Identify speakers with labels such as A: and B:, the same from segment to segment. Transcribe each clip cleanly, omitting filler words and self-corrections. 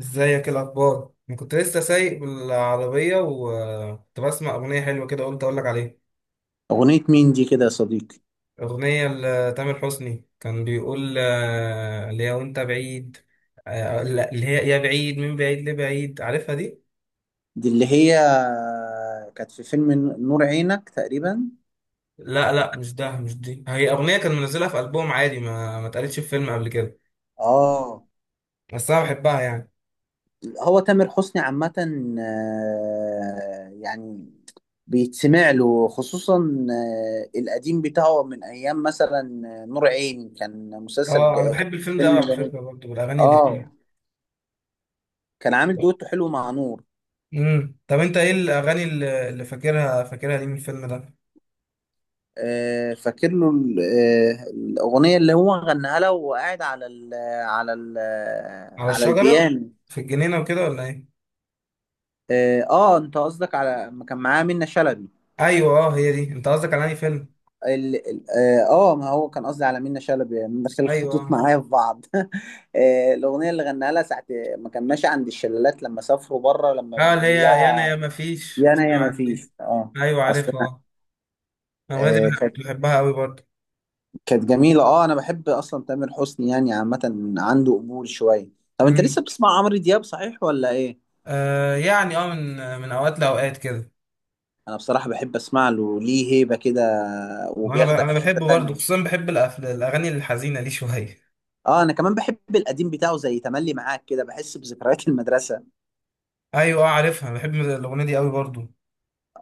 A: ازيك؟ إيه الاخبار؟ انا كنت لسه سايق بالعربيه وكنت بسمع اغنيه حلوه كده، قلت اقول لك عليها.
B: أغنية مين دي كده يا صديقي؟
A: اغنيه لتامر حسني كان بيقول اللي هي وانت بعيد. لا، اللي هي يا بعيد، من بعيد لبعيد، عارفها دي.
B: دي اللي هي كانت في فيلم نور عينك تقريبا.
A: لا لا، مش ده مش دي، هي اغنيه كان منزلها في البوم عادي، ما اتقالتش في فيلم قبل كده.
B: اه
A: بس انا بحبها يعني.
B: هو تامر حسني عامة، يعني بيتسمع له، خصوصا القديم بتاعه من أيام مثلا نور عيني. كان مسلسل
A: اه، انا
B: كان
A: بحب الفيلم ده
B: فيلم
A: قوي على
B: جميل.
A: فكره برضه، والاغاني اللي
B: اه
A: فيه.
B: كان عامل دويتو حلو مع نور.
A: طب انت ايه الاغاني اللي فاكرها دي من الفيلم ده؟
B: فاكر له الأغنية اللي هو غناها لها وهو قاعد على ال
A: على
B: على
A: الشجرة،
B: البيانو.
A: في الجنينة وكده ولا ايه؟
B: انت قصدك على ما كان معاه منة شلبي.
A: ايوه، اه، هي دي. انت قصدك على انهي فيلم؟
B: ال- ال- ما هو كان قصدي على منة شلبي، يعني دخل
A: ايوه،
B: الخطوط
A: اه.
B: معايا في بعض. الاغنيه اللي غناها لها ساعه ما كان ماشي عند الشلالات لما سافروا بره، لما
A: اه، اللي هي
B: بيقول
A: يا انا يا
B: لها
A: ما فيش،
B: يا انا يا
A: سمع
B: ما
A: عنها دي.
B: فيش. اه،
A: ايوه،
B: اصلا
A: عارفها، اه. الاغنية دي
B: كانت
A: بحبها قوي برضه.
B: كانت جميله. اه، انا بحب اصلا تامر حسني يعني، عامه عنده قبول شويه. طب انت لسه
A: امم.
B: بتسمع عمرو دياب، صحيح ولا ايه؟
A: يعني، من اوقات لاوقات كده.
B: انا بصراحه بحب اسمع له، ليه هيبه كده وبياخدك
A: انا
B: في حته
A: بحبه برضه،
B: تانية.
A: خصوصا بحب الاغاني الحزينة دي شوية.
B: اه، انا كمان بحب القديم بتاعه زي تملي معاك، كده بحس بذكريات المدرسه.
A: ايوه، اه، عارفها، بحب الاغنية دي قوي برضه.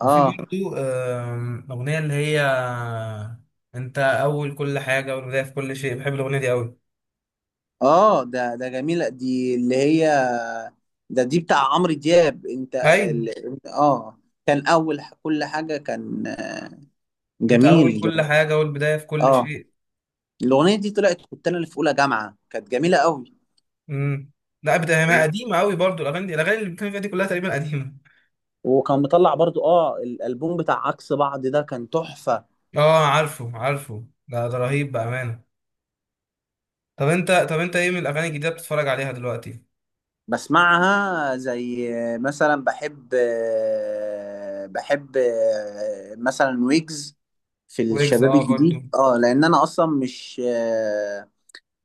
A: وفي
B: اه
A: برضه اغنية اللي هي، انت اول كل حاجة والبداية في كل شيء، بحب الاغنية دي قوي.
B: اه. ده جميله، دي اللي هي دي بتاع عمرو دياب، انت
A: ايوه،
B: ال... اه، كان اول كل حاجه، كان
A: انت اول
B: جميل.
A: كل حاجه، اول بدايه في كل
B: اه،
A: شيء.
B: الاغنيه دي طلعت كنت انا اللي في اولى جامعه، كانت جميله قوي.
A: امم. لا، بدايه ما قديمه قوي برضو الاغاني دي، الاغاني اللي بتكلم فيها دي كلها تقريبا قديمه.
B: وكان مطلع برضو اه الالبوم بتاع عكس بعض، ده كان تحفه.
A: اه، عارفه، ده رهيب بامانه. طب انت ايه من الاغاني الجديده بتتفرج عليها دلوقتي؟
B: بسمعها زي مثلا بحب، بحب مثلا ويجز في
A: ويجز،
B: الشباب
A: اه، برضو.
B: الجديد. اه، لان انا اصلا مش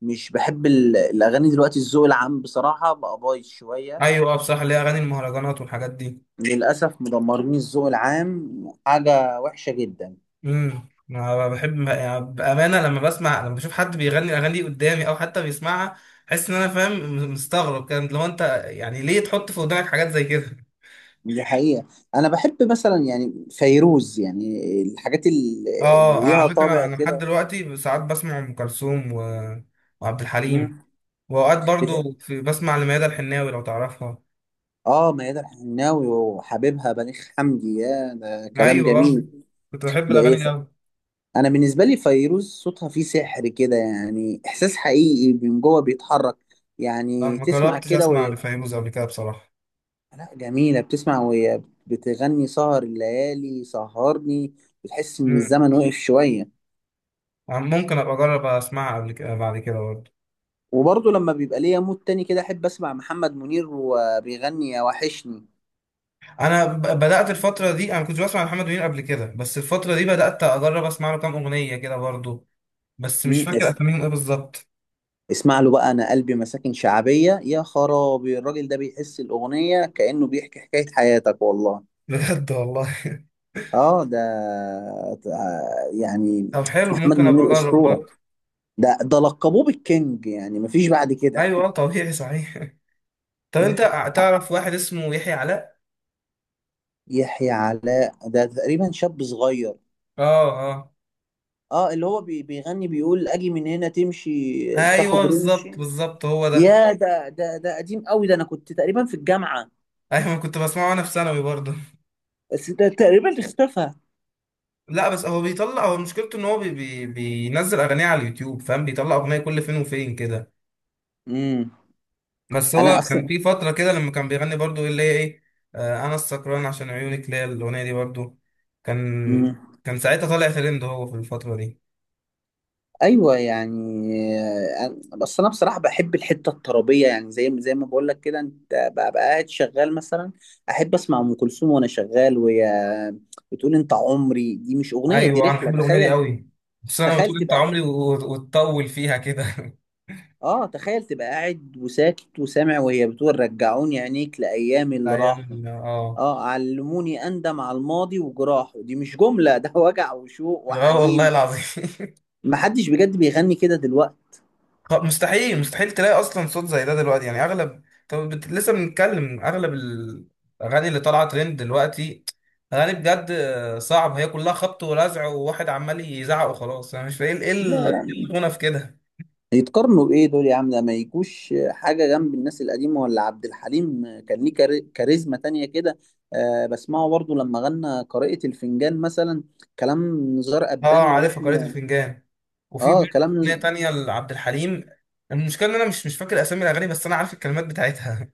B: مش بحب الاغاني دلوقتي. الذوق العام بصراحه بقى بايظ شويه،
A: ايوه، اه، بصراحه، ليه اغاني المهرجانات والحاجات دي؟
B: للاسف مدمرين الذوق العام، حاجه وحشه جدا.
A: انا بحب يعني بامانه، لما بشوف حد بيغني الاغاني دي قدامي او حتى بيسمعها، احس ان انا، فاهم، مستغرب، كان لو انت، يعني ليه تحط في ودانك حاجات زي كده؟
B: دي حقيقه. انا بحب مثلا يعني فيروز، يعني الحاجات اللي
A: اه،
B: ليها
A: على فكرة،
B: طابع
A: انا لحد
B: كده.
A: دلوقتي ساعات بسمع ام كلثوم و... وعبد الحليم.
B: مم.
A: واوقات برضو في بسمع لميادة الحناوي، لو تعرفها.
B: اه، ميادة الحناوي وحبيبها بليغ حمدي، يا ده كلام
A: ايوه.
B: جميل.
A: كنت بحب
B: بإيه؟
A: الاغاني دي اوي.
B: انا بالنسبه لي فيروز صوتها فيه سحر كده، يعني احساس حقيقي من جوه بيتحرك.
A: لا،
B: يعني
A: ما
B: تسمع
A: جربتش
B: كده
A: اسمع
B: وهي،
A: لفيروز قبل كده بصراحة.
B: لا جميله، بتسمع وهي بتغني سهر الليالي سهرني، بتحس ان
A: مم.
B: الزمن وقف شويه.
A: ممكن ابقى اجرب اسمعها قبل كده، بعد كده برضه.
B: وبرضه لما بيبقى ليا مود تاني كده احب اسمع محمد منير وبيغني يا وحشني.
A: انا بدات الفتره دي، انا كنت بسمع محمد منير قبل كده، بس الفتره دي بدات اجرب اسمع له كام اغنيه كده برضه. بس مش
B: مم.
A: فاكر اساميهم ايه بالظبط.
B: اسمع له بقى انا قلبي مساكن شعبيه يا خرابي. الراجل ده بيحس الاغنيه كانه بيحكي حكايه حياتك والله.
A: بجد والله.
B: اه، يعني
A: طب حلو،
B: محمد
A: ممكن ابقى
B: منير
A: اجرب
B: اسطوره.
A: برضه.
B: ده لقبوه بالكينج، يعني مفيش بعد كده.
A: ايوه، طبيعي صحيح. طب انت، تعرف واحد اسمه يحيى علاء؟
B: يحيى علاء ده تقريبا شاب صغير.
A: اه اه،
B: اه، اللي هو بيغني بيقول اجي من هنا تمشي
A: ايوه،
B: تاخد
A: بالظبط
B: رمشي.
A: بالظبط، هو ده.
B: يا ده، ده قديم قوي، ده انا كنت تقريبا في الجامعه.
A: ايوه، كنت بسمعه وانا في ثانوي برضه.
B: بس ده تقريبا اختفى.
A: لا، بس هو بيطلع، هو مشكلته ان هو بي بي بينزل اغانيه على اليوتيوب، فاهم، بيطلع اغنيه كل فين وفين كده.
B: امم،
A: بس هو
B: انا
A: كان
B: اصلا
A: في فتره كده لما كان بيغني برضه، اللي هي ايه، انا السكران عشان عيونك ليا، الاغنيه دي برضه. كان
B: مم.
A: كان ساعتها طالع ترند هو في الفتره دي.
B: ايوه يعني بس انا بصراحه بحب الحته الطربيه، يعني زي زي ما بقول لك كده، انت ببقى قاعد شغال مثلا، احب اسمع ام كلثوم وانا شغال وهي بتقول انت عمري. دي مش اغنيه، دي
A: ايوه، انا
B: رحله.
A: بحب الاغنيه دي
B: تخيل،
A: قوي. بس انا
B: تخيل
A: بتقول انت
B: تبقى،
A: عمري وتطول فيها كده
B: اه تخيل تبقى قاعد وساكت وسامع وهي بتقول رجعوني عينيك لايام اللي
A: ايام
B: راحوا.
A: اه.
B: اه علموني اندم على الماضي وجراحه، دي مش جمله، ده وجع وشوق
A: اه، والله
B: وحنين.
A: العظيم
B: محدش بجد بيغني كده دلوقتي.
A: مستحيل مستحيل تلاقي اصلا صوت زي ده دلوقتي، يعني اغلب، طب، لسه بنتكلم، اغلب الاغاني اللي طالعه ترند دلوقتي، اغاني بجد، صعب، هي كلها خبط ولزع، وواحد عمال يزعق وخلاص، انا مش فاهم ايه
B: لا
A: إيه
B: لا
A: الغنى في كده؟
B: يتقارنوا بايه دول يا عم، ده ما يجوش حاجه جنب الناس القديمه. ولا عبد الحليم كان ليه كاريزما تانية كده. آه بسمعه برضو لما غنى قارئة الفنجان مثلا، كلام نزار
A: اه،
B: قباني
A: عارفها، قارئة
B: ولحن.
A: الفنجان. وفي
B: اه
A: برضه
B: كلام
A: اغنيه تانية لعبد الحليم. المشكله ان انا مش فاكر اسامي الاغاني، بس انا عارف الكلمات بتاعتها.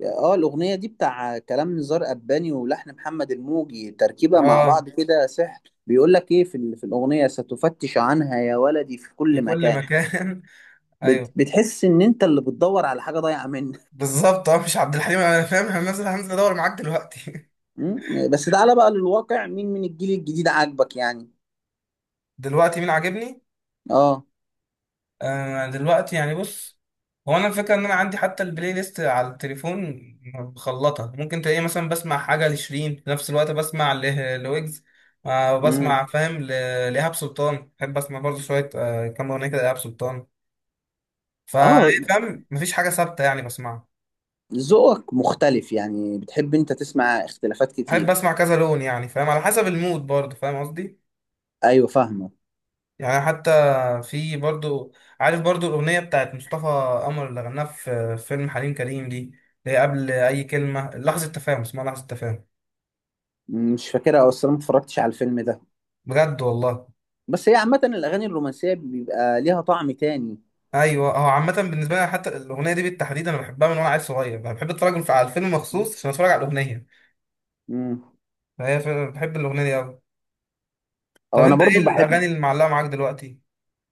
B: اه، الاغنيه دي بتاع كلام نزار قباني ولحن محمد الموجي، تركيبه مع
A: اه،
B: بعض كده سحر. بيقول لك ايه في, في الاغنيه، ستفتش عنها يا ولدي في
A: في
B: كل
A: كل
B: مكان.
A: مكان ايوه،
B: بتحس ان انت اللي بتدور على حاجه ضايعه منك.
A: بالظبط، اه، مش عبد الحليم، انا فاهم، انا هنزل ادور معاك دلوقتي.
B: مم. بس تعالى بقى للواقع، مين من الجيل الجديد عاجبك يعني؟
A: دلوقتي مين عاجبني؟
B: اه.
A: دلوقتي يعني، بص، هو انا الفكره ان انا عندي حتى البلاي ليست على التليفون مخلطه، ممكن تلاقيه مثلا بسمع حاجه لشيرين في نفس الوقت بسمع لويجز.
B: امم.
A: بسمع، فاهم، لإيهاب سلطان، بحب اسمع برضه شويه، كام اغنيه كده لإيهاب سلطان. فا-
B: اه،
A: فاهم، مفيش حاجه ثابته يعني بسمعها.
B: ذوقك مختلف يعني، بتحب انت تسمع اختلافات
A: بحب
B: كتير.
A: اسمع كذا لون، يعني فاهم، على حسب المود برضه، فاهم قصدي؟
B: ايوه فاهمه.
A: يعني حتى، في برضو، عارف برضو الأغنية بتاعت مصطفى قمر اللي غناها في فيلم حليم كريم دي، اللي هي قبل أي كلمة، لحظة تفاهم، اسمها لحظة تفاهم.
B: مم، مش فاكرها او اصلا ما اتفرجتش على الفيلم ده.
A: بجد والله.
B: بس هي عامه الاغاني الرومانسيه بيبقى ليها طعم تاني.
A: أيوة، هو عامة بالنسبة لي حتى الأغنية دي بالتحديد أنا بحبها من وأنا عيل صغير، بحب أتفرج على الفيلم مخصوص عشان أتفرج على الأغنية.
B: امم.
A: فهي فعلا، بحب الأغنية دي أوي. طب
B: او انا
A: أنت إيه
B: برضو
A: الأغاني
B: بحب،
A: اللي معلقة معاك دلوقتي؟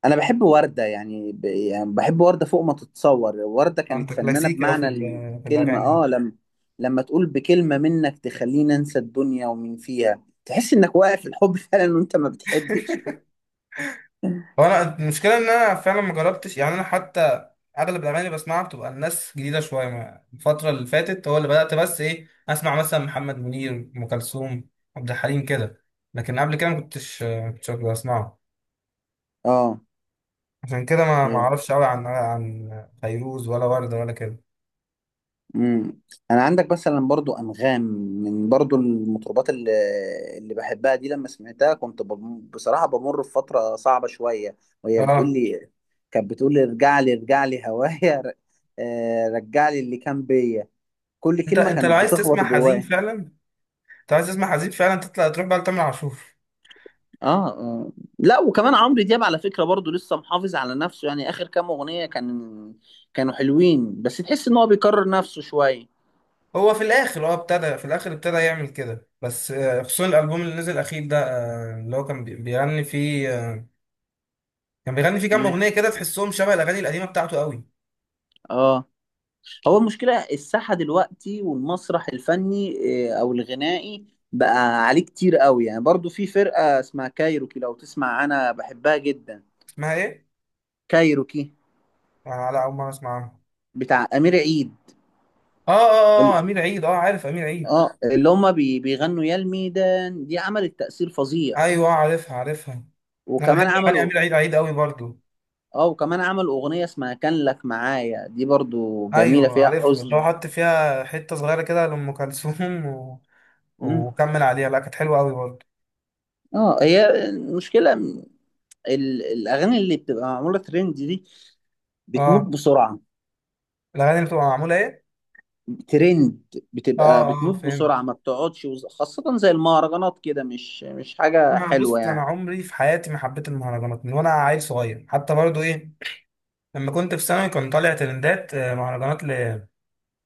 B: انا بحب وردة يعني, يعني بحب وردة فوق ما تتصور. وردة كانت
A: أنت
B: فنانة
A: كلاسيكي أوي
B: بمعنى
A: في
B: الكلمة.
A: الأغاني.
B: اه، لما لما تقول بكلمة منك تخليني انسى الدنيا ومن فيها، تحس انك واقف الحب. فعلا، وانت ما بتحبش.
A: هو انا المشكله ان انا فعلا ما جربتش يعني، انا حتى اغلب الاغاني اللي بسمعها بتبقى الناس جديده شويه، الفتره اللي فاتت هو اللي بدات، بس ايه، اسمع مثلا محمد منير، ام كلثوم، عبد الحليم كده. لكن قبل كده ما كنتش بسمعه.
B: اه.
A: عشان كده ما
B: ايه.
A: اعرفش قوي عن فيروز ولا ورده ولا كده.
B: امم. انا عندك مثلا برضو انغام، من برضو المطربات اللي اللي بحبها دي، لما سمعتها كنت بصراحة بمر في فترة صعبة شوية وهي بتقول
A: اه،
B: لي، كانت بتقول لي ارجع لي ارجع لي هوايا، رجع لي اللي كان بيا. كل
A: انت
B: كلمه
A: انت لو
B: كانت
A: عايز
B: بتخبط
A: تسمع حزين
B: جوايا.
A: فعلا، انت عايز تسمع حزين فعلا، تطلع تروح بقى لتامر عاشور.
B: اه لا، وكمان عمرو دياب على فكره برضو لسه محافظ على نفسه، يعني اخر كام اغنيه كان، كانوا حلوين، بس تحس ان هو بيكرر نفسه شويه.
A: هو في الاخر هو ابتدى في الاخر ابتدى يعمل كده، بس خصوصا الالبوم اللي نزل الاخير ده، اللي هو كان بيغني فيه، كان بيغني فيه كام
B: مم.
A: اغنيه كده تحسهم شبه الاغاني القديمه بتاعته قوي.
B: اه، هو المشكله، الساحه دلوقتي والمسرح الفني او الغنائي بقى عليه كتير قوي. يعني برضو في فرقه اسمها كايروكي، لو تسمع انا بحبها جدا.
A: اسمها ايه؟
B: كايروكي
A: لا، اول مره اسمعها.
B: بتاع امير عيد.
A: اه اه اه،
B: ال-
A: امير عيد، اه، عارف امير عيد.
B: اه، اللي هما بيغنوا يا الميدان، دي عملت تأثير فظيع.
A: ايوه، عارفها عارفها. انا
B: وكمان
A: بحب اغاني
B: عملوا،
A: امير عيد قوي برضو.
B: اه، وكمان عمل اغنيه اسمها كان لك معايا، دي برضو جميله
A: ايوه،
B: فيها
A: عارفها، اللي هو
B: حزن.
A: حط فيها حته صغيره كده لام كلثوم و...
B: مم.
A: وكمل عليها، لا كانت حلوه قوي برضو.
B: اه، هي المشكله الاغاني اللي بتبقى معموله ترند دي بتموت
A: اه،
B: بسرعه.
A: الاغاني اللي بتبقى معموله ايه؟
B: ترند
A: اه
B: بتبقى
A: اه،
B: بتموت
A: فهمت.
B: بسرعه، ما بتقعدش، خاصه زي المهرجانات كده، مش حاجه
A: ما
B: حلوه
A: بص، انا
B: يعني.
A: عمري في حياتي ما حبيت المهرجانات من وانا عيل صغير، حتى برضو ايه، لما كنت في ثانوي كان طالع ترندات، مهرجانات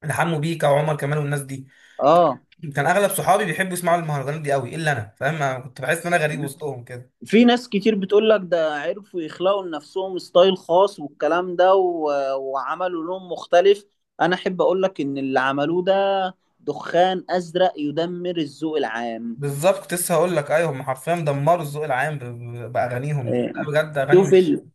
A: لحمو بيكا وعمر كمال والناس دي.
B: اه.
A: كان اغلب صحابي بيحبوا يسمعوا المهرجانات دي قوي الا انا، فاهم، أنا كنت بحس ان انا غريب وسطهم كده.
B: في ناس كتير بتقول لك ده عرفوا يخلقوا لنفسهم ستايل خاص والكلام ده و... وعملوا لون مختلف. انا احب اقول لك ان اللي عملوه ده دخان ازرق يدمر الذوق العام.
A: بالظبط، كنت لسه هقول لك، ايوه، هم حرفيا دمروا الذوق العام باغانيهم دي، لا
B: إيه.
A: بجد اغاني
B: شوف
A: مش.
B: ال...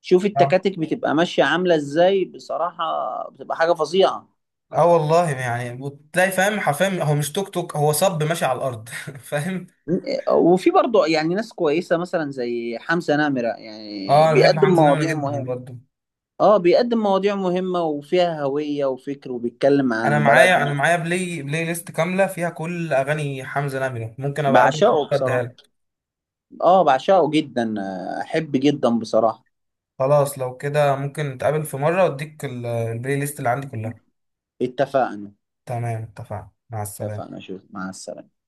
B: شوف
A: اه،
B: التكاتك بتبقى ماشية عاملة ازاي بصراحة، بتبقى حاجة فظيعة.
A: والله يعني، وتلاقي، فاهم، حرفيا هو مش توك توك، هو صب ماشي على الارض فاهم.
B: إيه. وفي برضه يعني ناس كويسة مثلا زي حمزة نمرة، يعني
A: اه، انا بحب
B: بيقدم
A: حمزة نمرة
B: مواضيع
A: جدا
B: مهمة.
A: برضه.
B: اه، بيقدم مواضيع مهمة وفيها هوية وفكر وبيتكلم
A: انا
B: عن
A: معايا انا
B: بلدنا.
A: معايا بلاي ليست كامله فيها كل اغاني حمزة نمرة، ممكن ابقى اقابلك
B: بعشقه
A: اديها
B: بصراحة.
A: لك.
B: اه، بعشقه جدا، احب جدا بصراحة.
A: خلاص، لو كده ممكن نتقابل في مره واديك البلاي ليست اللي عندي كلها.
B: اتفقنا.
A: تمام، اتفقنا، مع السلامه.
B: اتفقنا، شوف، مع السلامة.